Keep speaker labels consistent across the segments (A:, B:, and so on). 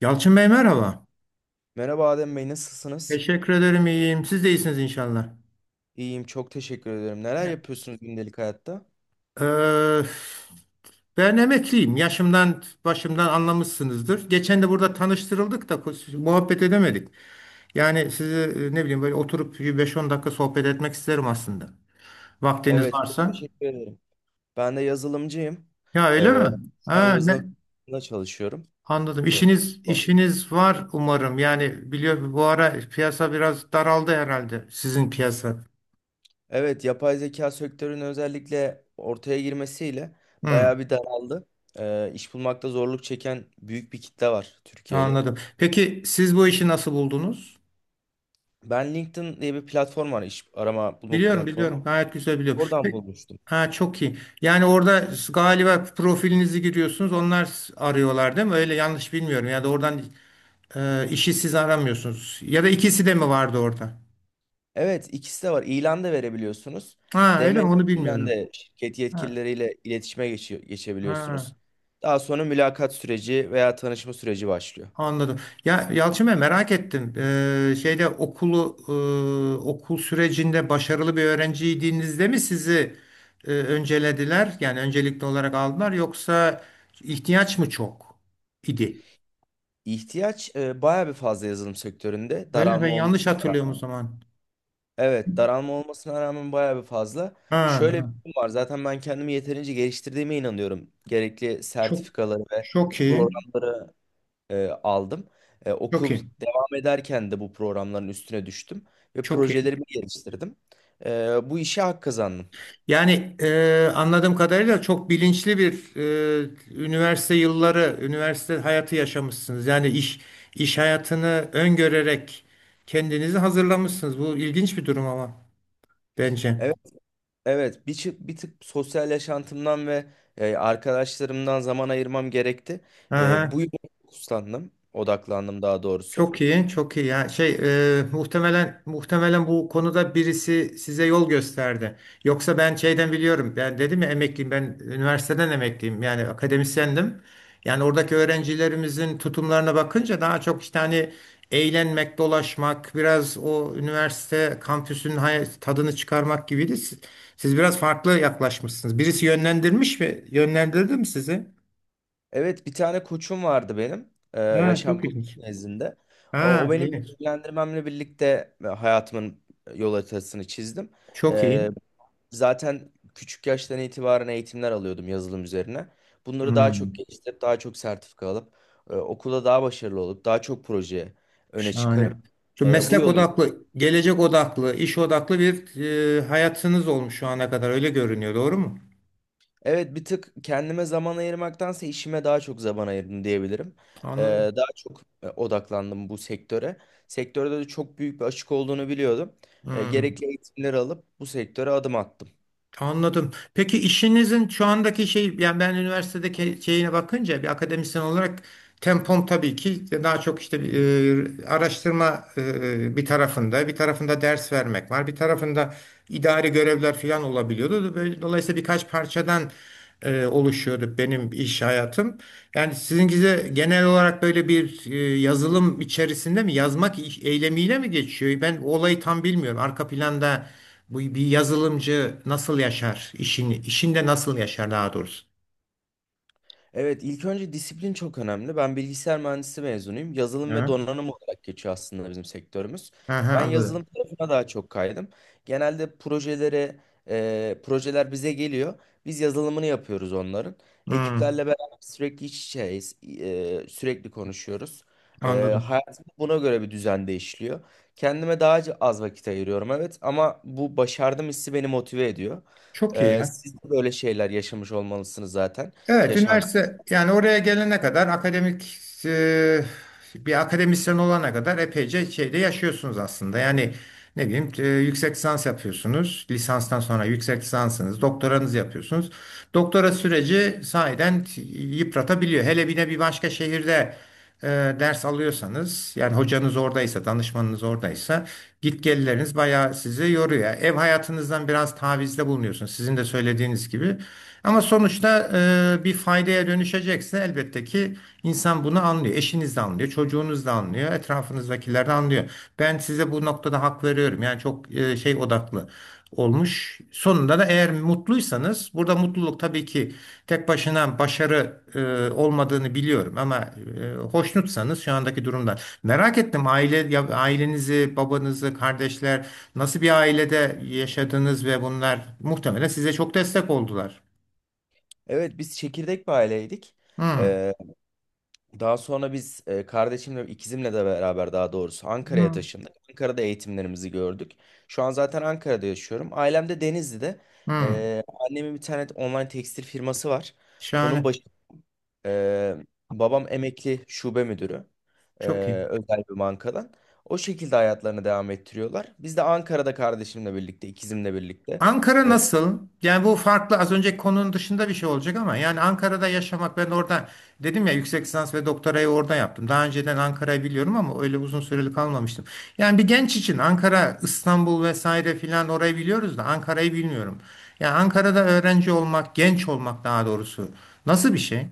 A: Yalçın Bey merhaba.
B: Merhaba Adem Bey, nasılsınız?
A: Teşekkür ederim, iyiyim. Siz de iyisiniz inşallah.
B: İyiyim, çok teşekkür ederim. Neler
A: Ya-
B: yapıyorsunuz gündelik hayatta?
A: Ee, ben emekliyim. Yaşımdan başımdan anlamışsınızdır. Geçen de burada tanıştırıldık da muhabbet edemedik. Yani sizi ne bileyim, böyle oturup bir 5-10 dakika sohbet etmek isterim aslında. Vaktiniz
B: Evet, çok
A: varsa.
B: teşekkür ederim. Ben de yazılımcıyım.
A: Ya, öyle
B: Ee,
A: mi?
B: Şu an
A: Ha, ne?
B: yazılım firmasında çalışıyorum.
A: Anladım.
B: Ee,
A: İşiniz var umarım. Yani biliyor, bu ara piyasa biraz daraldı herhalde, sizin piyasa.
B: evet, yapay zeka sektörünün özellikle ortaya girmesiyle
A: Hı.
B: bayağı bir daraldı. İş bulmakta zorluk çeken büyük bir kitle var Türkiye'de.
A: Anladım. Peki siz bu işi nasıl buldunuz?
B: Ben LinkedIn diye bir platform var, iş arama bulma
A: Biliyorum,
B: platformu.
A: biliyorum. Gayet güzel biliyorum.
B: Oradan
A: Peki,
B: bulmuştum.
A: ha, çok iyi. Yani orada galiba profilinizi giriyorsunuz. Onlar arıyorlar, değil mi? Öyle, yanlış bilmiyorum. Ya da oradan işi siz aramıyorsunuz. Ya da ikisi de mi vardı orada?
B: Evet, ikisi de var. İlan da verebiliyorsunuz.
A: Ha, öyle
B: DM
A: mi? Onu
B: üzerinden
A: bilmiyorum.
B: de şirket
A: Ha,
B: yetkilileriyle
A: ha.
B: geçebiliyorsunuz. Daha sonra mülakat süreci veya tanışma süreci başlıyor.
A: Anladım. Ya Yalçın Bey, merak ettim. Şeyde okulu okul sürecinde başarılı bir öğrenciydinizde mi sizi öncelediler? Yani öncelikli olarak aldılar, yoksa ihtiyaç mı çok idi?
B: İhtiyaç bayağı bir fazla yazılım sektöründe.
A: Öyle mi? Ben
B: Daralma
A: yanlış
B: olmasına
A: hatırlıyorum o
B: rağmen.
A: zaman.
B: Evet, daralma olmasına rağmen bayağı bir fazla.
A: Ha,
B: Şöyle bir
A: ha.
B: durum var. Zaten ben kendimi yeterince geliştirdiğime inanıyorum. Gerekli
A: Çok
B: sertifikaları ve
A: çok iyi.
B: programları aldım.
A: Çok
B: Okul
A: iyi.
B: devam ederken de bu programların üstüne düştüm ve
A: Çok iyi.
B: projelerimi geliştirdim. Bu işe hak kazandım.
A: Yani anladığım kadarıyla çok bilinçli bir e, üniversite yılları, üniversite hayatı yaşamışsınız. Yani iş hayatını öngörerek kendinizi hazırlamışsınız. Bu ilginç bir durum ama, bence.
B: Evet, evet, bir tık sosyal yaşantımdan ve arkadaşlarımdan zaman ayırmam gerekti.
A: Aha.
B: Bu yola odaklandım daha doğrusu.
A: Çok iyi, çok iyi. Ya şey, muhtemelen bu konuda birisi size yol gösterdi. Yoksa ben şeyden biliyorum. Ben dedim ya, emekliyim. Ben üniversiteden emekliyim. Yani akademisyendim. Yani oradaki öğrencilerimizin tutumlarına bakınca daha çok işte hani eğlenmek, dolaşmak, biraz o üniversite kampüsünün tadını çıkarmak gibiydi. Siz biraz farklı yaklaşmışsınız. Birisi yönlendirmiş mi? Yönlendirdi mi sizi?
B: Evet, bir tane koçum vardı benim,
A: Ha,
B: yaşam
A: çok
B: koçum
A: ilginç.
B: nezdinde. O
A: Ha,
B: benim
A: iyi.
B: yönlendirmemle birlikte hayatımın yol haritasını çizdim.
A: Çok iyi.
B: Zaten küçük yaştan itibaren eğitimler alıyordum yazılım üzerine. Bunları daha çok
A: Hmm.
B: geliştirip, daha çok sertifika alıp, okulda daha başarılı olup, daha çok proje öne
A: Şahane.
B: çıkarıp
A: Şu
B: bu
A: meslek
B: yolu...
A: odaklı, gelecek odaklı, iş odaklı bir hayatınız olmuş şu ana kadar, öyle görünüyor, doğru mu?
B: Evet bir tık kendime zaman ayırmaktansa işime daha çok zaman ayırdım diyebilirim. E,
A: Anladım.
B: Daha çok odaklandım bu sektöre. Sektörde de çok büyük bir açık olduğunu biliyordum.
A: Hmm,
B: Gerekli eğitimleri alıp bu sektöre adım attım.
A: anladım. Peki işinizin şu andaki şey, yani ben üniversitedeki şeyine bakınca bir akademisyen olarak tempom tabii ki daha çok işte araştırma, bir tarafında, bir tarafında ders vermek var, bir tarafında idari görevler falan olabiliyordu. Dolayısıyla birkaç parçadan oluşuyordu benim iş hayatım. Yani sizinkize genel olarak böyle bir yazılım içerisinde mi, yazmak eylemiyle mi geçiyor? Ben o olayı tam bilmiyorum. Arka planda bu bir yazılımcı nasıl yaşar işini, işinde nasıl yaşar daha doğrusu?
B: Evet, ilk önce disiplin çok önemli. Ben bilgisayar mühendisi mezunuyum. Yazılım ve
A: Hı?
B: donanım olarak geçiyor aslında bizim sektörümüz.
A: Aha,
B: Ben
A: anladım.
B: yazılım tarafına daha çok kaydım. Genelde projelere, Projeler bize geliyor. Biz yazılımını yapıyoruz onların.
A: Hı,
B: Ekiplerle beraber sürekli iç içeyiz, sürekli konuşuyoruz.
A: anladım.
B: Hayatım buna göre bir düzen değişiyor. Kendime daha az vakit ayırıyorum, evet. Ama bu başardım hissi beni motive ediyor.
A: Çok iyi ya.
B: Siz de böyle şeyler yaşamış olmalısınız zaten.
A: Evet,
B: Yaşantı
A: üniversite, yani oraya gelene kadar akademik e, bir akademisyen olana kadar epeyce şeyde yaşıyorsunuz aslında. Yani ne bileyim, yüksek lisans yapıyorsunuz. Lisanstan sonra yüksek lisansınız, doktoranızı yapıyorsunuz. Doktora süreci sahiden yıpratabiliyor. Hele bir de bir başka şehirde e, ders alıyorsanız, yani hocanız oradaysa, danışmanınız oradaysa git gelleriniz bayağı sizi yoruyor. Ev hayatınızdan biraz tavizde bulunuyorsunuz, sizin de söylediğiniz gibi. Ama sonuçta bir faydaya dönüşecekse elbette ki insan bunu anlıyor. Eşiniz de anlıyor, çocuğunuz da anlıyor, etrafınızdakiler de anlıyor. Ben size bu noktada hak veriyorum. Yani çok şey odaklı olmuş. Sonunda da, eğer mutluysanız, burada mutluluk tabii ki tek başına başarı olmadığını biliyorum, ama hoşnutsanız şu andaki durumdan. Merak ettim aile ailenizi, babanızı, kardeşler nasıl bir ailede yaşadınız ve bunlar muhtemelen size çok destek oldular.
B: evet biz çekirdek bir aileydik.
A: Hmm.
B: Ee, Daha sonra biz kardeşimle ikizimle de beraber daha doğrusu Ankara'ya
A: Hmm.
B: taşındık. Ankara'da eğitimlerimizi gördük. Şu an zaten Ankara'da yaşıyorum. Ailem de Denizli'de.
A: Hmm.
B: Annemin bir tane online tekstil firması var. Onun
A: Şahane.
B: başı e, Babam emekli şube müdürü. e,
A: Çok iyi.
B: Özel bir bankadan. O şekilde hayatlarını devam ettiriyorlar. Biz de Ankara'da kardeşimle birlikte, ikizimle birlikte.
A: Ankara nasıl? Yani bu farklı, az önceki konunun dışında bir şey olacak ama yani Ankara'da yaşamak, ben orada dedim ya, yüksek lisans ve doktorayı orada yaptım. Daha önceden Ankara'yı biliyorum ama öyle uzun süreli kalmamıştım. Yani bir genç için Ankara, İstanbul vesaire filan orayı biliyoruz da Ankara'yı bilmiyorum. Yani Ankara'da öğrenci olmak, genç olmak daha doğrusu, nasıl bir şey?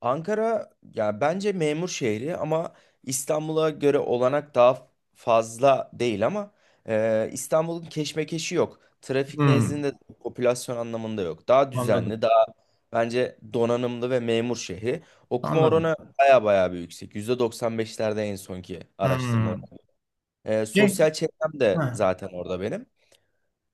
B: Ankara ya bence memur şehri ama İstanbul'a göre olanak daha fazla değil ama İstanbul'un keşmekeşi yok. Trafik
A: Hmm,
B: nezdinde popülasyon anlamında yok. Daha
A: anladım.
B: düzenli, daha bence donanımlı ve memur şehri. Okuma
A: Anladım.
B: oranı baya baya bir yüksek. %95'lerde en sonki araştırmalar.
A: Hmm. Şey,
B: Sosyal çevrem de
A: ha,
B: zaten orada benim.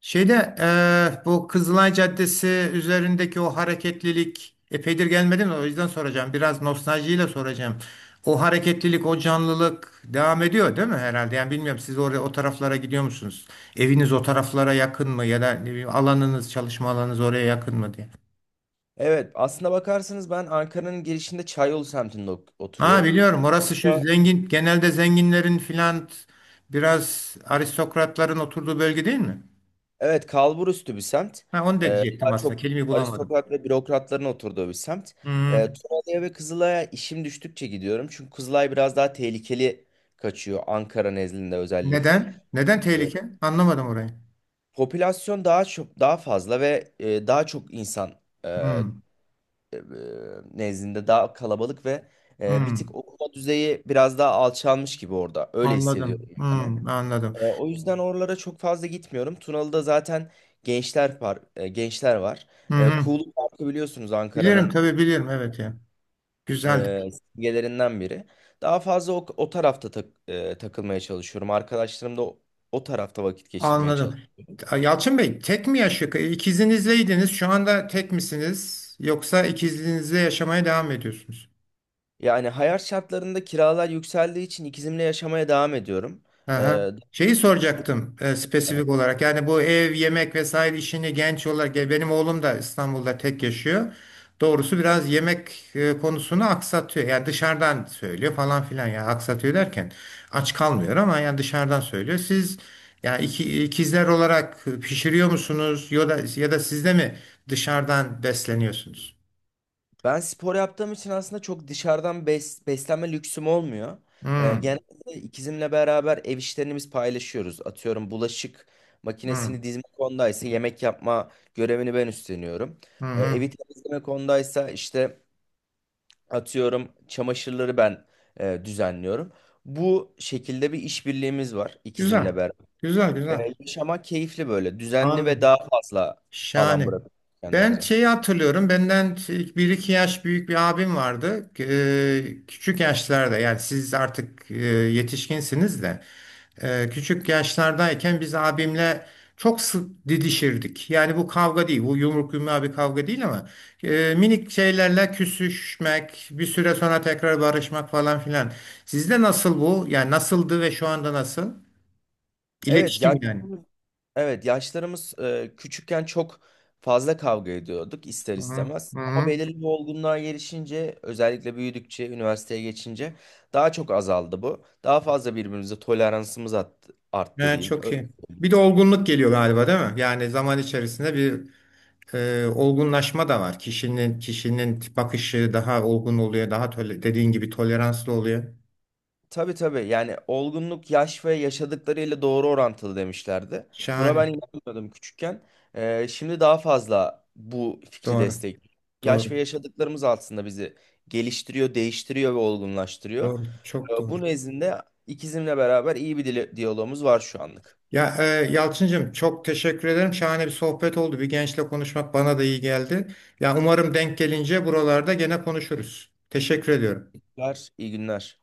A: Şeyde bu Kızılay Caddesi üzerindeki o hareketlilik, epeydir gelmedim o yüzden soracağım. Biraz nostaljiyle soracağım. O hareketlilik, o canlılık devam ediyor değil mi herhalde? Yani bilmiyorum, siz oraya, o taraflara gidiyor musunuz? Eviniz o taraflara yakın mı, ya da ne bileyim, alanınız, çalışma alanınız oraya yakın mı diye.
B: Evet, aslında bakarsanız ben Ankara'nın girişinde Çayolu semtinde
A: Ha,
B: oturuyorum.
A: biliyorum orası şu zengin, genelde zenginlerin filan, biraz aristokratların oturduğu bölge değil mi?
B: Evet, kalburüstü bir semt.
A: Ha, onu da diyecektim
B: Daha
A: aslında.
B: çok
A: Kelimeyi bulamadım.
B: aristokrat ve bürokratların oturduğu bir semt.
A: Hı.
B: Tunalı'ya ve Kızılay'a işim düştükçe gidiyorum. Çünkü Kızılay biraz daha tehlikeli kaçıyor Ankara nezdinde özellikle.
A: Neden? Neden
B: Ee,
A: tehlike? Anlamadım orayı.
B: Popülasyon daha fazla ve daha çok insan e, e,
A: Hmm,
B: nezdinde daha kalabalık ve bir tık
A: hmm,
B: okuma düzeyi biraz daha alçalmış gibi orada. Öyle hissediyorum
A: anladım.
B: yani.
A: Hmm, anladım.
B: O yüzden oralara çok fazla gitmiyorum. Tunalı'da zaten gençler var.
A: Hı hı.
B: Kuğulu Parkı biliyorsunuz
A: Bilirim
B: Ankara'nın
A: tabii, bilirim. Evet ya. Güzeldi.
B: simgelerinden biri. Daha fazla o tarafta takılmaya çalışıyorum. Arkadaşlarım da o tarafta vakit geçirmeye
A: Anladım.
B: çalışıyorum.
A: Ya Yalçın Bey tek mi yaşıyor? İkizinizleydiniz. Şu anda tek misiniz? Yoksa ikizinizle yaşamaya devam mı ediyorsunuz?
B: Yani hayat şartlarında kiralar yükseldiği için ikizimle yaşamaya devam ediyorum.
A: Aha.
B: E,
A: Şeyi soracaktım, spesifik olarak. Yani bu ev, yemek vesaire işini genç olarak, benim oğlum da İstanbul'da tek yaşıyor. Doğrusu biraz yemek konusunu aksatıyor. Yani dışarıdan söylüyor falan filan. Yani aksatıyor derken aç kalmıyor, ama yani dışarıdan söylüyor. Siz, yani ikizler olarak pişiriyor musunuz, ya da siz de mi dışarıdan besleniyorsunuz?
B: Ben spor yaptığım için aslında çok dışarıdan beslenme lüksüm olmuyor.
A: Hmm,
B: Genelde ikizimle beraber ev işlerini biz paylaşıyoruz. Atıyorum bulaşık
A: hmm,
B: makinesini dizme konudaysa yemek yapma görevini ben üstleniyorum.
A: hı hı.
B: Evi temizleme konudaysa işte atıyorum çamaşırları ben düzenliyorum. Bu şekilde bir işbirliğimiz var
A: Güzel.
B: ikizimle beraber.
A: Güzel, güzel.
B: Yaşamak keyifli böyle düzenli ve
A: Anladım.
B: daha fazla alan
A: Şahane.
B: bırakıyoruz
A: Ben
B: kendimize.
A: şeyi hatırlıyorum. Benden bir iki yaş büyük bir abim vardı. Küçük yaşlarda, yani siz artık yetişkinsiniz de küçük yaşlardayken biz abimle çok sık didişirdik. Yani bu kavga değil. Bu yumruk yumruğa bir kavga değil ama minik şeylerle küsüşmek, bir süre sonra tekrar barışmak falan filan. Sizde nasıl bu? Yani nasıldı ve şu anda nasıl?
B: Evet ya,
A: İletişim yani.
B: evet, yaşlarımız küçükken çok fazla kavga ediyorduk ister
A: Hı
B: istemez. Ama
A: hı.
B: belirli bir olgunluğa gelişince, özellikle büyüdükçe, üniversiteye geçince daha çok azaldı bu. Daha fazla birbirimize toleransımız arttı
A: He,
B: diyeyim.
A: çok
B: Öyle.
A: iyi. Bir de olgunluk geliyor galiba, değil mi? Yani zaman içerisinde bir olgunlaşma da var. Kişinin bakışı daha olgun oluyor, daha dediğin gibi toleranslı oluyor.
B: Tabii tabii. Yani olgunluk yaş ve yaşadıklarıyla doğru orantılı demişlerdi. Buna ben
A: Şahane.
B: inanmıyordum küçükken. Şimdi daha fazla bu fikri
A: Doğru.
B: destek. Yaş ve
A: Doğru.
B: yaşadıklarımız aslında bizi geliştiriyor, değiştiriyor ve olgunlaştırıyor.
A: Doğru. Çok doğru.
B: Bu nezdinde ikizimle beraber iyi bir diyalogumuz var şu anlık.
A: Ya, Yalçıncığım çok teşekkür ederim. Şahane bir sohbet oldu. Bir gençle konuşmak bana da iyi geldi. Ya umarım denk gelince buralarda gene konuşuruz. Teşekkür ediyorum.
B: İyi günler, iyi günler.